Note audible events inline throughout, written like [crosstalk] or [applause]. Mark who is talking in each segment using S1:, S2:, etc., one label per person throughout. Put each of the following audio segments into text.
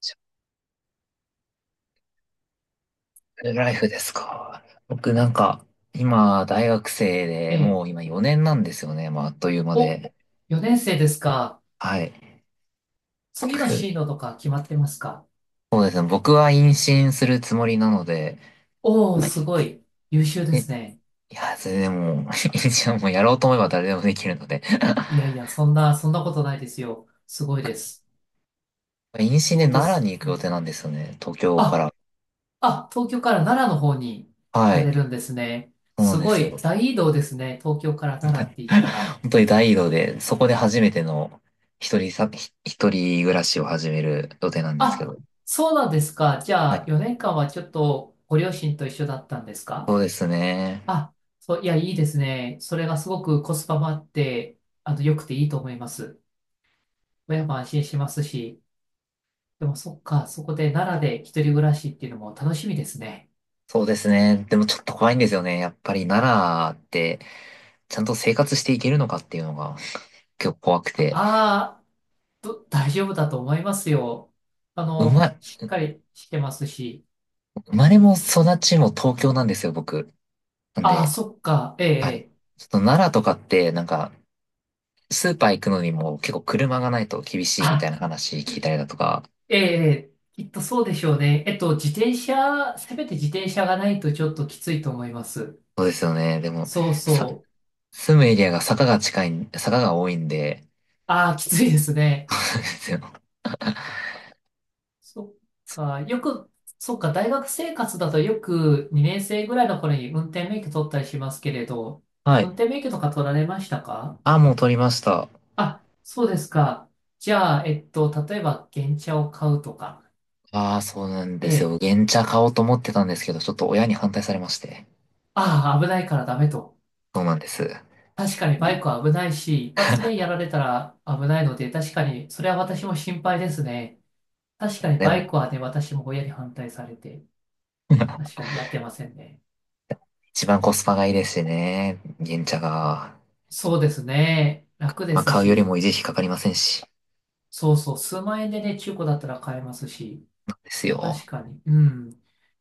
S1: シルライフですか。僕なんか、今、大学生
S2: え
S1: で、
S2: え。
S1: もう今4年なんですよね。まあ、あっという間
S2: お、
S1: で。
S2: 4年生ですか。
S1: はい。
S2: 次の
S1: 僕
S2: 進路とか決まってますか？
S1: そうですね。僕は妊娠するつもりなので、
S2: おおー、
S1: はい。
S2: すごい。優秀で
S1: え、い
S2: すね。
S1: や、それでも、[laughs] 妊娠はもうやろうと思えば誰でもできるので。
S2: いやいや、そんなことないですよ。すごいで
S1: [laughs]
S2: す。
S1: 妊娠で奈良に行
S2: う
S1: く予定
S2: ん。
S1: なんですよね。東京か
S2: あ、
S1: ら。
S2: あ、東京から奈良の方に行
S1: は
S2: かれ
S1: い。
S2: るんですね。
S1: そうな
S2: す
S1: んで
S2: ご
S1: す
S2: い、
S1: よ。
S2: 大移動ですね。東京から奈良って言ったら。
S1: 本当に大移動で、そこで初めての一人暮らしを始める予定なんですけ
S2: あ、
S1: ど。
S2: そうなんですか。じ
S1: は
S2: ゃあ、
S1: い。
S2: 4年間はちょっとご両親と一緒だったんです
S1: そ
S2: か？
S1: うですね。
S2: あ、そう、いや、いいですね。それがすごくコスパもあって、良くていいと思います。親も安心しますし、でもそっか、そこで奈良で一人暮らしっていうのも楽しみですね。
S1: そうですね。でもちょっと怖いんですよね。やっぱり奈良って、ちゃんと生活していけるのかっていうのが結構怖くて。
S2: ああ、大丈夫だと思いますよ。
S1: 生ま、
S2: しっかりしてますし。
S1: 生まれも育ちも東京なんですよ、僕。なん
S2: ああ、
S1: で、
S2: そっか、ええ、
S1: はい。
S2: ええ。
S1: ちょっと奈良とかって、なんか、スーパー行くのにも結構車がないと厳しいみたい
S2: あ、
S1: な話聞いたりだとか。
S2: ええ、ええ。きっとそうでしょうね。自転車、せめて自転車がないとちょっときついと思います。
S1: そうですよね。でも、
S2: そう
S1: さ、
S2: そう。
S1: 住むエリアが坂が多いんで、
S2: ああ、きついです
S1: [laughs]
S2: ね。
S1: そうですよ。
S2: そっか、大学生活だとよく2年生ぐらいの頃に運転免許取ったりしますけれど、
S1: はい。
S2: 運転免許とか取られましたか？
S1: あ、もう撮りました。
S2: あ、そうですか。じゃあ、例えば、原チャを買うとか、
S1: ああ、そうなん
S2: え
S1: です
S2: え、
S1: よ。原茶買おうと思ってたんですけど、ちょっと親に反対されまして。
S2: ああ、危ないからダメと。
S1: そうなんです。
S2: 確かにバ
S1: ね。
S2: イクは危ないし、一発でやられたら危ないので、確かに、それは私も心配ですね。確かに
S1: で
S2: バイ
S1: も、
S2: クはね、私も親に反対されて、確かにやってませんね。
S1: 一番コスパがいいですしね。原茶が。
S2: そうですね。楽で
S1: まあ、
S2: す
S1: 買うより
S2: し。
S1: も維持費かかりませんし。
S2: そうそう、数万円でね、中古だったら買えますし、
S1: です
S2: 確
S1: よ。
S2: かに、うん、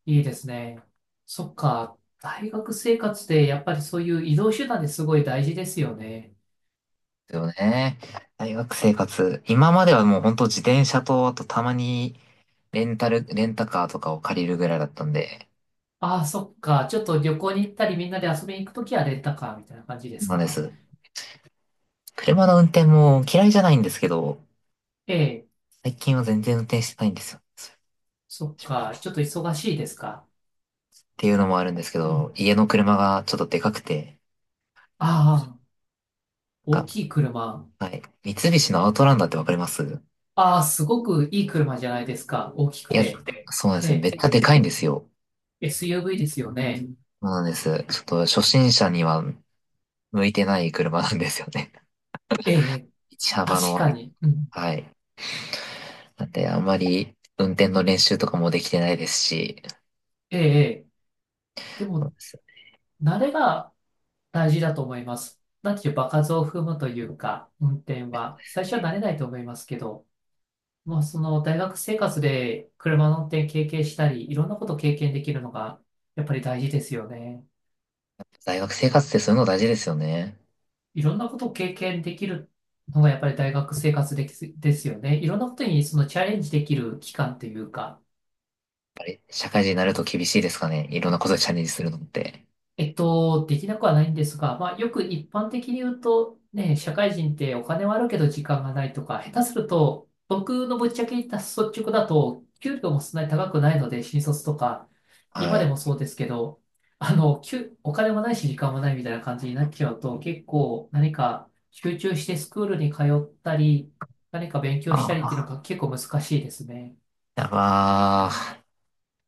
S2: いいですね。そっか、大学生活でやっぱりそういう移動手段ですごい大事ですよね。
S1: ですよね。大学生活。今まではもう本当自転車と、あとたまにレンタカーとかを借りるぐらいだったんで。
S2: ああ、そっか、ちょっと旅行に行ったりみんなで遊びに行くときはレンタカーみたいな感じで
S1: そう
S2: す
S1: なんで
S2: か？
S1: す。車の運転も嫌いじゃないんですけど、
S2: ええ、
S1: 最近は全然運転してないんですよ。
S2: そっか、ちょっと忙しいですか？
S1: っていうのもあるんですけ
S2: う
S1: ど、
S2: ん。
S1: 家の車がちょっとでかくて、
S2: ああ、
S1: な
S2: 大
S1: んか、
S2: きい車。
S1: はい。三菱のアウトランダーってわかります？い
S2: ああ、すごくいい車じゃないですか、大きく
S1: や、
S2: て。
S1: そうなんですよ。
S2: え
S1: めっちゃでかいんですよ。
S2: え、SUV ですよね。
S1: そうなんです。ちょっと初心者には向いてない車なんですよね。
S2: ええ、
S1: [laughs] 道幅の
S2: 確か
S1: 割り。
S2: に。うん。
S1: はい。なんで、あんまり運転の練習とかもできてないですし、
S2: ええ、ええ。で
S1: そう
S2: も、
S1: です。
S2: 慣れが大事だと思います。なんていう場数を踏むというか、運転は。最初は慣れないと思いますけど、もうその大学生活で車の運転経験したり、いろんなことを経験できるのが、やっぱり大事ですよね。
S1: 大学生活ってそういうの大事ですよね。
S2: いろんなことを経験できるのが、やっぱり大学生活ですよね。いろんなことにそのチャレンジできる期間というか、
S1: 社会人になると厳しいですかね。いろんなことにチャレンジするのって。
S2: できなくはないんですが、まあ、よく一般的に言うと、ね、社会人ってお金はあるけど時間がないとか、下手すると、僕のぶっちゃけ言った率直だと、給料もそんなに高くないので、新卒とか、今
S1: は
S2: で
S1: い。
S2: もそうですけど、お金もないし時間もないみたいな感じになっちゃうと、結構何か集中してスクールに通ったり、何か勉強したりっていうの
S1: あ
S2: が結構難しいですね。
S1: あ、やばー。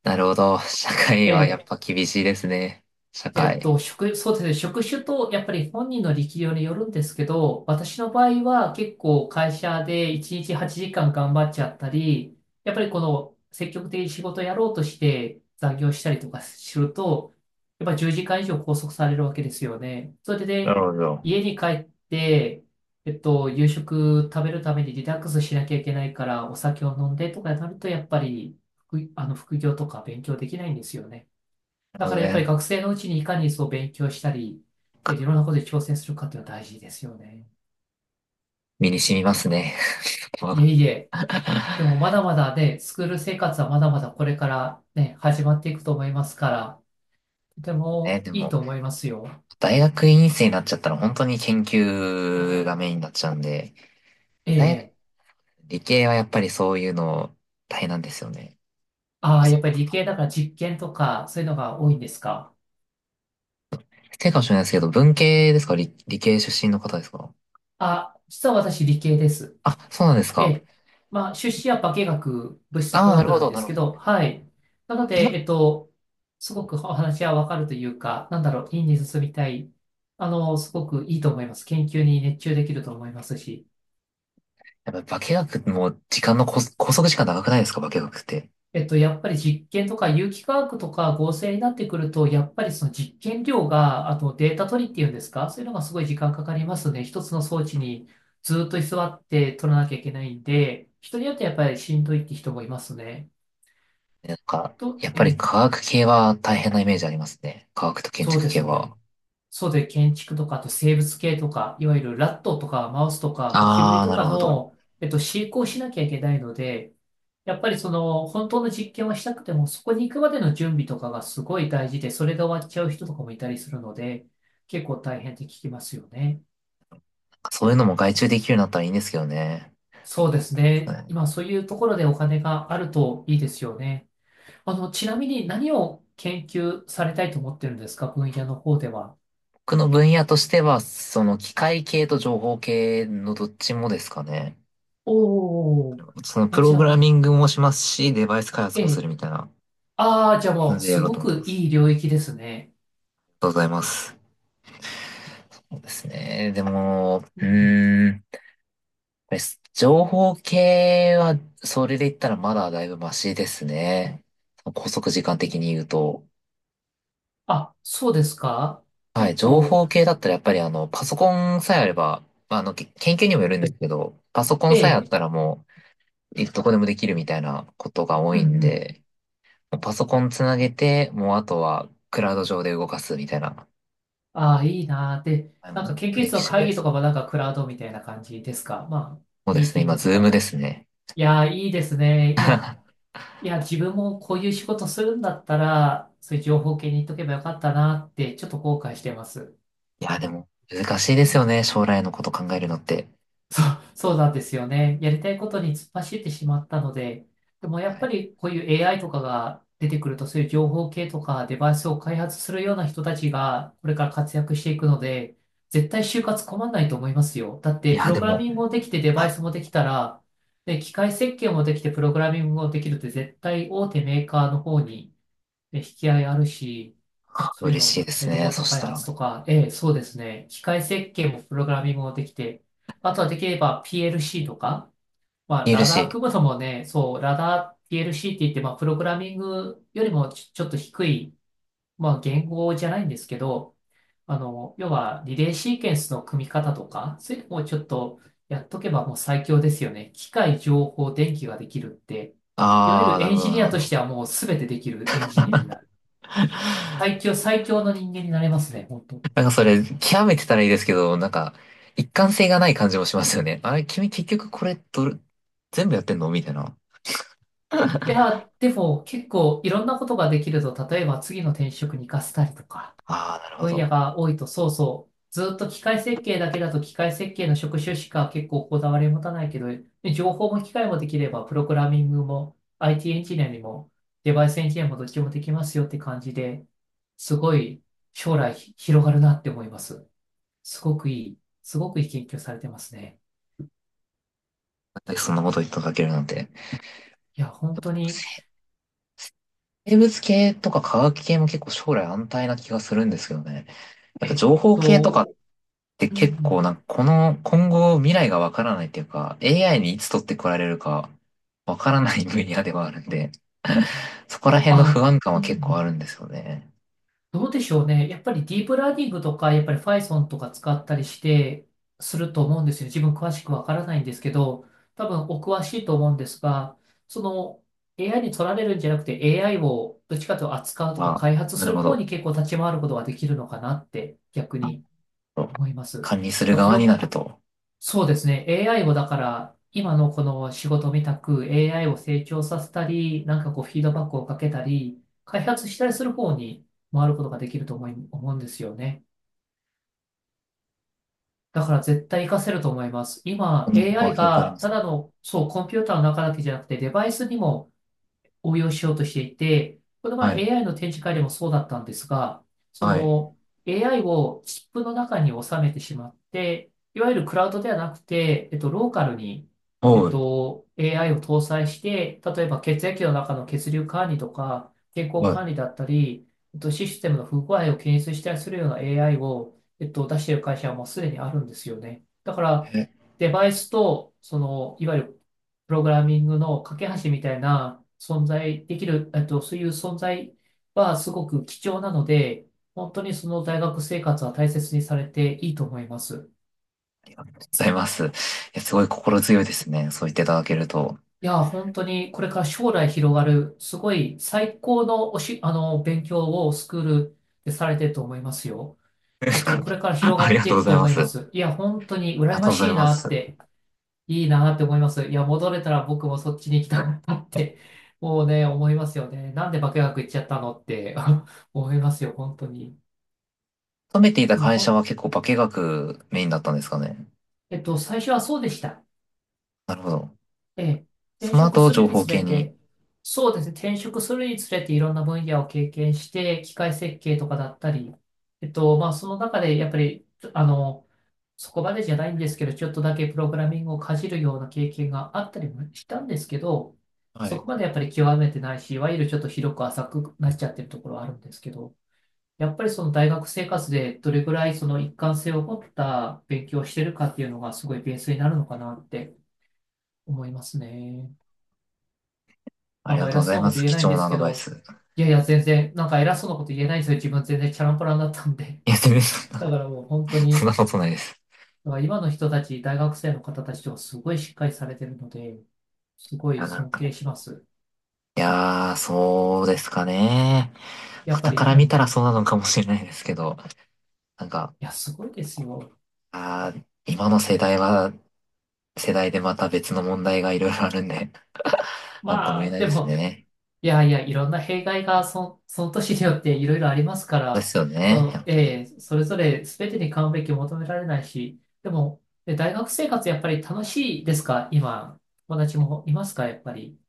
S1: なるほど。社会
S2: え。
S1: はやっぱ厳しいですね。社会。
S2: そうですね。職種と、やっぱり本人の力量によるんですけど、私の場合は結構会社で1日8時間頑張っちゃったり、やっぱりこの積極的に仕事をやろうとして残業したりとかすると、やっぱり10時間以上拘束されるわけですよね。それで、
S1: なる
S2: ね。
S1: ほど。
S2: 家に帰って、夕食食べるためにリラックスしなきゃいけないから、お酒を飲んでとかになると、やっぱり副、あの、副業とか勉強できないんですよね。
S1: なる
S2: だ
S1: ほ
S2: か
S1: ど
S2: らやっぱり
S1: ね。
S2: 学生のうちにいかにそう勉強したり、いろんなことに挑戦するかっていうのは大事ですよね。
S1: 身に染みますね。
S2: いえいえ。でも
S1: [laughs]
S2: まだまだね、スクール生活はまだまだこれからね、始まっていくと思いますから、とて
S1: え、
S2: も
S1: で
S2: いい
S1: も、
S2: と思いますよ。
S1: 大学院生になっちゃったら本当に研究がメインになっちゃうんで、
S2: え
S1: 大学
S2: え。
S1: 理系はやっぱりそういうの大変なんですよね。
S2: あ
S1: あ、
S2: あ、や
S1: そ
S2: っ
S1: う。
S2: ぱり理系だから実験とかそういうのが多いんですか。
S1: 失礼かもしれないですけど、文系ですか？理系出身の方ですか？
S2: あ、実は私理系です。
S1: あ、そうなんです
S2: え
S1: か。
S2: え。まあ、出資は物質化
S1: ああ、なる
S2: 学
S1: ほ
S2: なん
S1: ど、
S2: で
S1: な
S2: す
S1: る
S2: け
S1: ほど。
S2: ど、はい。なの
S1: 化学、
S2: で、すごくお話はわかるというか、なんだろう、院に進みたい。すごくいいと思います。研究に熱中できると思いますし。
S1: やっぱ化学も時間のこ拘束時間長くないですか？化学って。
S2: やっぱり実験とか有機化学とか合成になってくると、やっぱりその実験量が、あとデータ取りっていうんですか、そういうのがすごい時間かかりますね。一つの装置にずっと居座って取らなきゃいけないんで、人によってやっぱりしんどいって人もいますね。
S1: なんか、やっぱり
S2: ええ、
S1: 科学系は大変なイメージありますね。科学と建
S2: そう
S1: 築
S2: で
S1: 系
S2: す
S1: は。
S2: ね。そうで、建築とか、あと生物系とか、いわゆるラットとかマウスとかゴキブリ
S1: ああ、
S2: と
S1: なる
S2: か
S1: ほど。
S2: の、飼育をしなきゃいけないので、やっぱりその、本当の実験をしたくても、そこに行くまでの準備とかがすごい大事で、それが終わっちゃう人とかもいたりするので、結構大変って聞きますよね。
S1: そういうのも外注できるようになったらいいんですけどね。
S2: そうです
S1: は
S2: ね。
S1: い。
S2: 今、そういうところでお金があるといいですよね。ちなみに何を研究されたいと思ってるんですか？分野の方では。
S1: 僕の分野としては、その機械系と情報系のどっちもですかね。
S2: おー、
S1: そのプ
S2: あ、
S1: ロ
S2: じゃ
S1: グラ
S2: あ、
S1: ミングもしますし、デバイス開発
S2: え
S1: もする
S2: え。
S1: みたいな
S2: ああ、じゃあも
S1: 感
S2: う、
S1: じでや
S2: す
S1: ろう
S2: ご
S1: と思って
S2: く
S1: ま
S2: い
S1: す。
S2: い領域ですね。
S1: ありがとうございます。そうですね。でも、
S2: うん
S1: う
S2: うん。
S1: ーん。です。情報系は、それで言ったらまだだいぶマシですね。拘束時間的に言うと。
S2: あ、そうですか？
S1: はい、
S2: 結
S1: 情
S2: 構、
S1: 報系だったらやっぱりパソコンさえあれば、まあ研究にもよるんですけど、パソコン
S2: え
S1: さえあっ
S2: え、
S1: たらもう、どこでもできるみたいなことが多
S2: うんう
S1: いん
S2: ん。
S1: で、もうパソコンつなげて、もうあとはクラウド上で動かすみたいな、
S2: ああ、いいなー。で、なんか研
S1: フ
S2: 究
S1: レ
S2: 室
S1: キ
S2: の
S1: シブル
S2: 会
S1: で
S2: 議
S1: す
S2: とか
S1: ね。
S2: もなんかクラウドみたいな感じですか？まあ、
S1: そうで
S2: ミ
S1: す
S2: ー
S1: ね、
S2: ティン
S1: 今、
S2: グ
S1: ズ
S2: と
S1: ー
S2: か
S1: ムで
S2: も。
S1: すね。
S2: いやー、いいですね。いや、いや、自分もこういう仕事するんだったら、そういう情報系に行っとけばよかったなーって、ちょっと後悔してます。
S1: いや、でも、難しいですよね、将来のこと考えるのって。
S2: そう、そうなんですよね。やりたいことに突っ走ってしまったので、でもや
S1: は
S2: っぱ
S1: い。
S2: りこういう AI とかが出てくると、そういう情報系とかデバイスを開発するような人たちがこれから活躍していくので、絶対就活困んないと思いますよ。だっ
S1: い
S2: て、プ
S1: や、
S2: ロ
S1: で
S2: グラ
S1: も、
S2: ミングもできてデバ
S1: は
S2: イ
S1: い。
S2: スもできたら、で、機械設計もできてプログラミングもできるって絶対大手メーカーの方にね引き合いあるし、そういう
S1: 嬉しい
S2: の、
S1: です
S2: ね、ロボ
S1: ね。
S2: ッ
S1: そ
S2: ト
S1: し
S2: 開
S1: た
S2: 発
S1: ら。
S2: とか、ええ、そうですね。機械設計もプログラミングもできて、あとはできれば PLC とか、まあ、
S1: 嬉
S2: ラ
S1: し
S2: ダー
S1: い。
S2: 組むのもね、そう、ラダー PLC って言って、まあ、プログラミングよりちょっと低い、まあ、言語じゃないんですけど、要はリレーシーケンスの組み方とか、そういうのもちょっとやっとけばもう最強ですよね。機械、情報、電気ができるって、いわゆ
S1: ああ、
S2: る
S1: なる
S2: エン
S1: ほど、
S2: ジ
S1: な
S2: ニ
S1: る
S2: ア
S1: ほ
S2: とし
S1: ど。
S2: てはもう全てできるエンジニアになる。最強、最強の人間になれますね、本当。
S1: なんかそれ、極めてたらいいですけど、なんか、一貫性がない感じもしますよね。あれ、君結局これ、どれ、全部やってんのみたいな。
S2: いや、でも結構いろんなことができると、例えば次の転職に活かせたりとか、
S1: ああ、なるほ
S2: 分
S1: ど。な
S2: 野
S1: ん
S2: が多いと、そうそう、ずっと機械設計だけだと機械設計の職種しか結構こだわり持たないけど、ね、情報も機械もできれば、プログラミングも IT エンジニアにもデバイスエンジニアもどっちもできますよって感じで、すごい将来広がるなって思います。すごくいい、すごくいい研究されてますね。
S1: でそんなこと言っていただけるなんて。でも
S2: いや、
S1: な
S2: 本
S1: ん
S2: 当
S1: か
S2: に。
S1: 生物系とか科学系も結構将来安泰な気がするんですけどね。やっぱ
S2: えっ
S1: 情報系とかっ
S2: と、
S1: て
S2: うんう
S1: 結構
S2: ん。
S1: なんかこの今後未来がわからないっていうか AI にいつ取ってこられるかわからない分野ではあるんでそこら辺の不
S2: あ、
S1: 安感
S2: う
S1: は
S2: んう
S1: 結構ある
S2: ん。
S1: んですよね。
S2: どうでしょうね。やっぱりディープラーニングとか、やっぱり Python とか使ったりして、すると思うんですよ。自分詳しくわからないんですけど、多分お詳しいと思うんですが、その AI に取られるんじゃなくて AI をどっちかというと扱うとか
S1: あ、
S2: 開発
S1: な
S2: す
S1: るほ
S2: る方に
S1: ど。
S2: 結構立ち回ることができるのかなって逆に思います。だ
S1: 管理する
S2: からプ
S1: 側に
S2: ロ、
S1: なると、
S2: そうですね。AI をだから、今のこの仕事みたく AI を成長させたり、なんかこうフィードバックをかけたり、開発したりする方に回ることができると思うんですよね。だから絶対活かせると思います。
S1: こ
S2: 今
S1: の幅は
S2: AI
S1: 広くありま
S2: がた
S1: す
S2: だ
S1: ね。
S2: の、そう、コンピューターの中だけじゃなくてデバイスにも応用しようとしていて、この前
S1: はい。
S2: AI の展示会でもそうだったんですが、そ
S1: はい。
S2: の AI をチップの中に収めてしまって、いわゆるクラウドではなくて、ローカルに、
S1: おう。
S2: AI を搭載して、例えば血液の中の血流管理とか、健康
S1: はい。
S2: 管理だったり、システムの不具合を検出したりするような AI を、出している会社はもうすでにあるんですよね。だか
S1: え、あ
S2: ら、
S1: りがと
S2: デバイスと、その、いわゆるプログラミングの架け橋みたいな存在できる、そういう存在はすごく貴重なので、本当にその大学生活は大切にされていいと思います。
S1: うございます。いや、すごい心強いですね。そう言っていただけると。
S2: いや、本当にこれから将来広がる、すごい最高のおし、あの、勉強をスクールでされてると思いますよ。これから
S1: [laughs]
S2: 広
S1: あ
S2: が
S1: り
S2: っ
S1: が
S2: て
S1: とう
S2: い
S1: ご
S2: く
S1: ざい
S2: と思
S1: ま
S2: い
S1: す。あ
S2: ま
S1: り
S2: す。いや、本当に羨
S1: が
S2: ま
S1: とうござい
S2: しい
S1: ま
S2: なっ
S1: す。
S2: て。いいなって思います。いや、戻れたら僕もそっちに行きたかったって、もうね、思いますよね。なんで化学行っちゃったのって [laughs] 思いますよ、本当に。
S1: 勤めていた
S2: でも、
S1: 会
S2: ほ
S1: 社は
S2: ん、
S1: 結構化学メインだったんですかね。
S2: えっと、最初はそうでした。
S1: なるほど。
S2: ええ、転
S1: その
S2: 職
S1: 後、
S2: す
S1: 情
S2: るに
S1: 報
S2: つれ
S1: 系に。
S2: て、そうですね、転職するにつれていろんな分野を経験して、機械設計とかだったり、まあ、その中でやっぱり、あの、そこまでじゃないんですけど、ちょっとだけプログラミングをかじるような経験があったりもしたんですけど、
S1: は
S2: そ
S1: い。
S2: こまでやっぱり極めてないし、いわゆるちょっと広く浅くなっちゃってるところはあるんですけど、やっぱりその大学生活でどれぐらいその一貫性を持った勉強をしてるかっていうのがすごいベースになるのかなって思いますね。
S1: あ
S2: あ、
S1: りが
S2: まあ
S1: とう
S2: 偉
S1: ござ
S2: そ
S1: い
S2: うな
S1: ま
S2: こと
S1: す。
S2: 言え
S1: 貴
S2: ないん
S1: 重
S2: で
S1: な
S2: す
S1: アド
S2: け
S1: バイ
S2: ど、
S1: ス。
S2: いやいや全然、なんか偉そうなこと言えないんですよ。自分全然チャランポランだったんで。
S1: いや、全然そん
S2: だ
S1: な、
S2: からもう本当
S1: そんな
S2: に、
S1: ことないです。
S2: だから今の人たち、大学生の方たちとかすごいしっかりされてるので、すご
S1: い
S2: い
S1: や、なん
S2: 尊
S1: か
S2: 敬します。
S1: いやー、そうですかね。
S2: やっぱ
S1: 傍か
S2: り、う
S1: ら見
S2: ん。
S1: たらそうなのかもしれないですけど、なんか、
S2: いや、すごいですよ。
S1: 今の世代は、世代でまた別の問題がいろいろあるんで、[laughs] なんとも
S2: ま
S1: 言え
S2: あ、
S1: ない
S2: で
S1: です
S2: も、
S1: ね。
S2: いやいや、いろんな弊害がその年によっていろいろありますか
S1: そうで
S2: ら、
S1: すよね、や
S2: そ
S1: っ
S2: う、
S1: ぱり。
S2: ええそれぞれ全てに完璧を求められないし、でも、大学生活やっぱり楽しいですか今、友達もいますかやっぱり？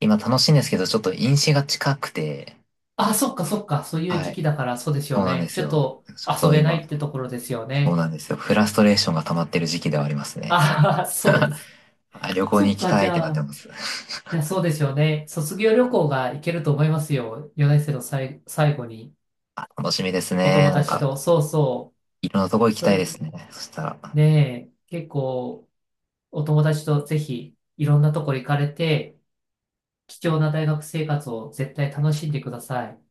S1: 今楽しいんですけど、ちょっと飲酒が近くて、
S2: あ、そっかそっか、そういう
S1: は
S2: 時
S1: い、
S2: 期だからそうです
S1: そ
S2: よ
S1: うなんで
S2: ね。ち
S1: す
S2: ょっ
S1: よ。
S2: と
S1: ちょっ
S2: 遊
S1: と
S2: べない
S1: 今、
S2: ってところですよ
S1: そう
S2: ね。
S1: なんですよ。フラストレーションが溜まってる時期ではありますね。
S2: ああ、そうです。
S1: あ、旅行に
S2: そっ
S1: 行き
S2: か、
S1: た
S2: じ
S1: いってな
S2: ゃ
S1: って
S2: あ、
S1: ます。[laughs]
S2: いや、そうですよね。卒業旅行が行けると思いますよ。4年生の最後に、
S1: あ、楽しみです
S2: お
S1: ね。
S2: 友
S1: なん
S2: 達
S1: か、
S2: と、そうそ
S1: いろんなとこ
S2: う。
S1: 行き
S2: そ
S1: たい
S2: れ、
S1: ですね。そしたら。
S2: ねえ、結構、お友達とぜひ、いろんなとこ行かれて、貴重な大学生活を絶対楽しんでください。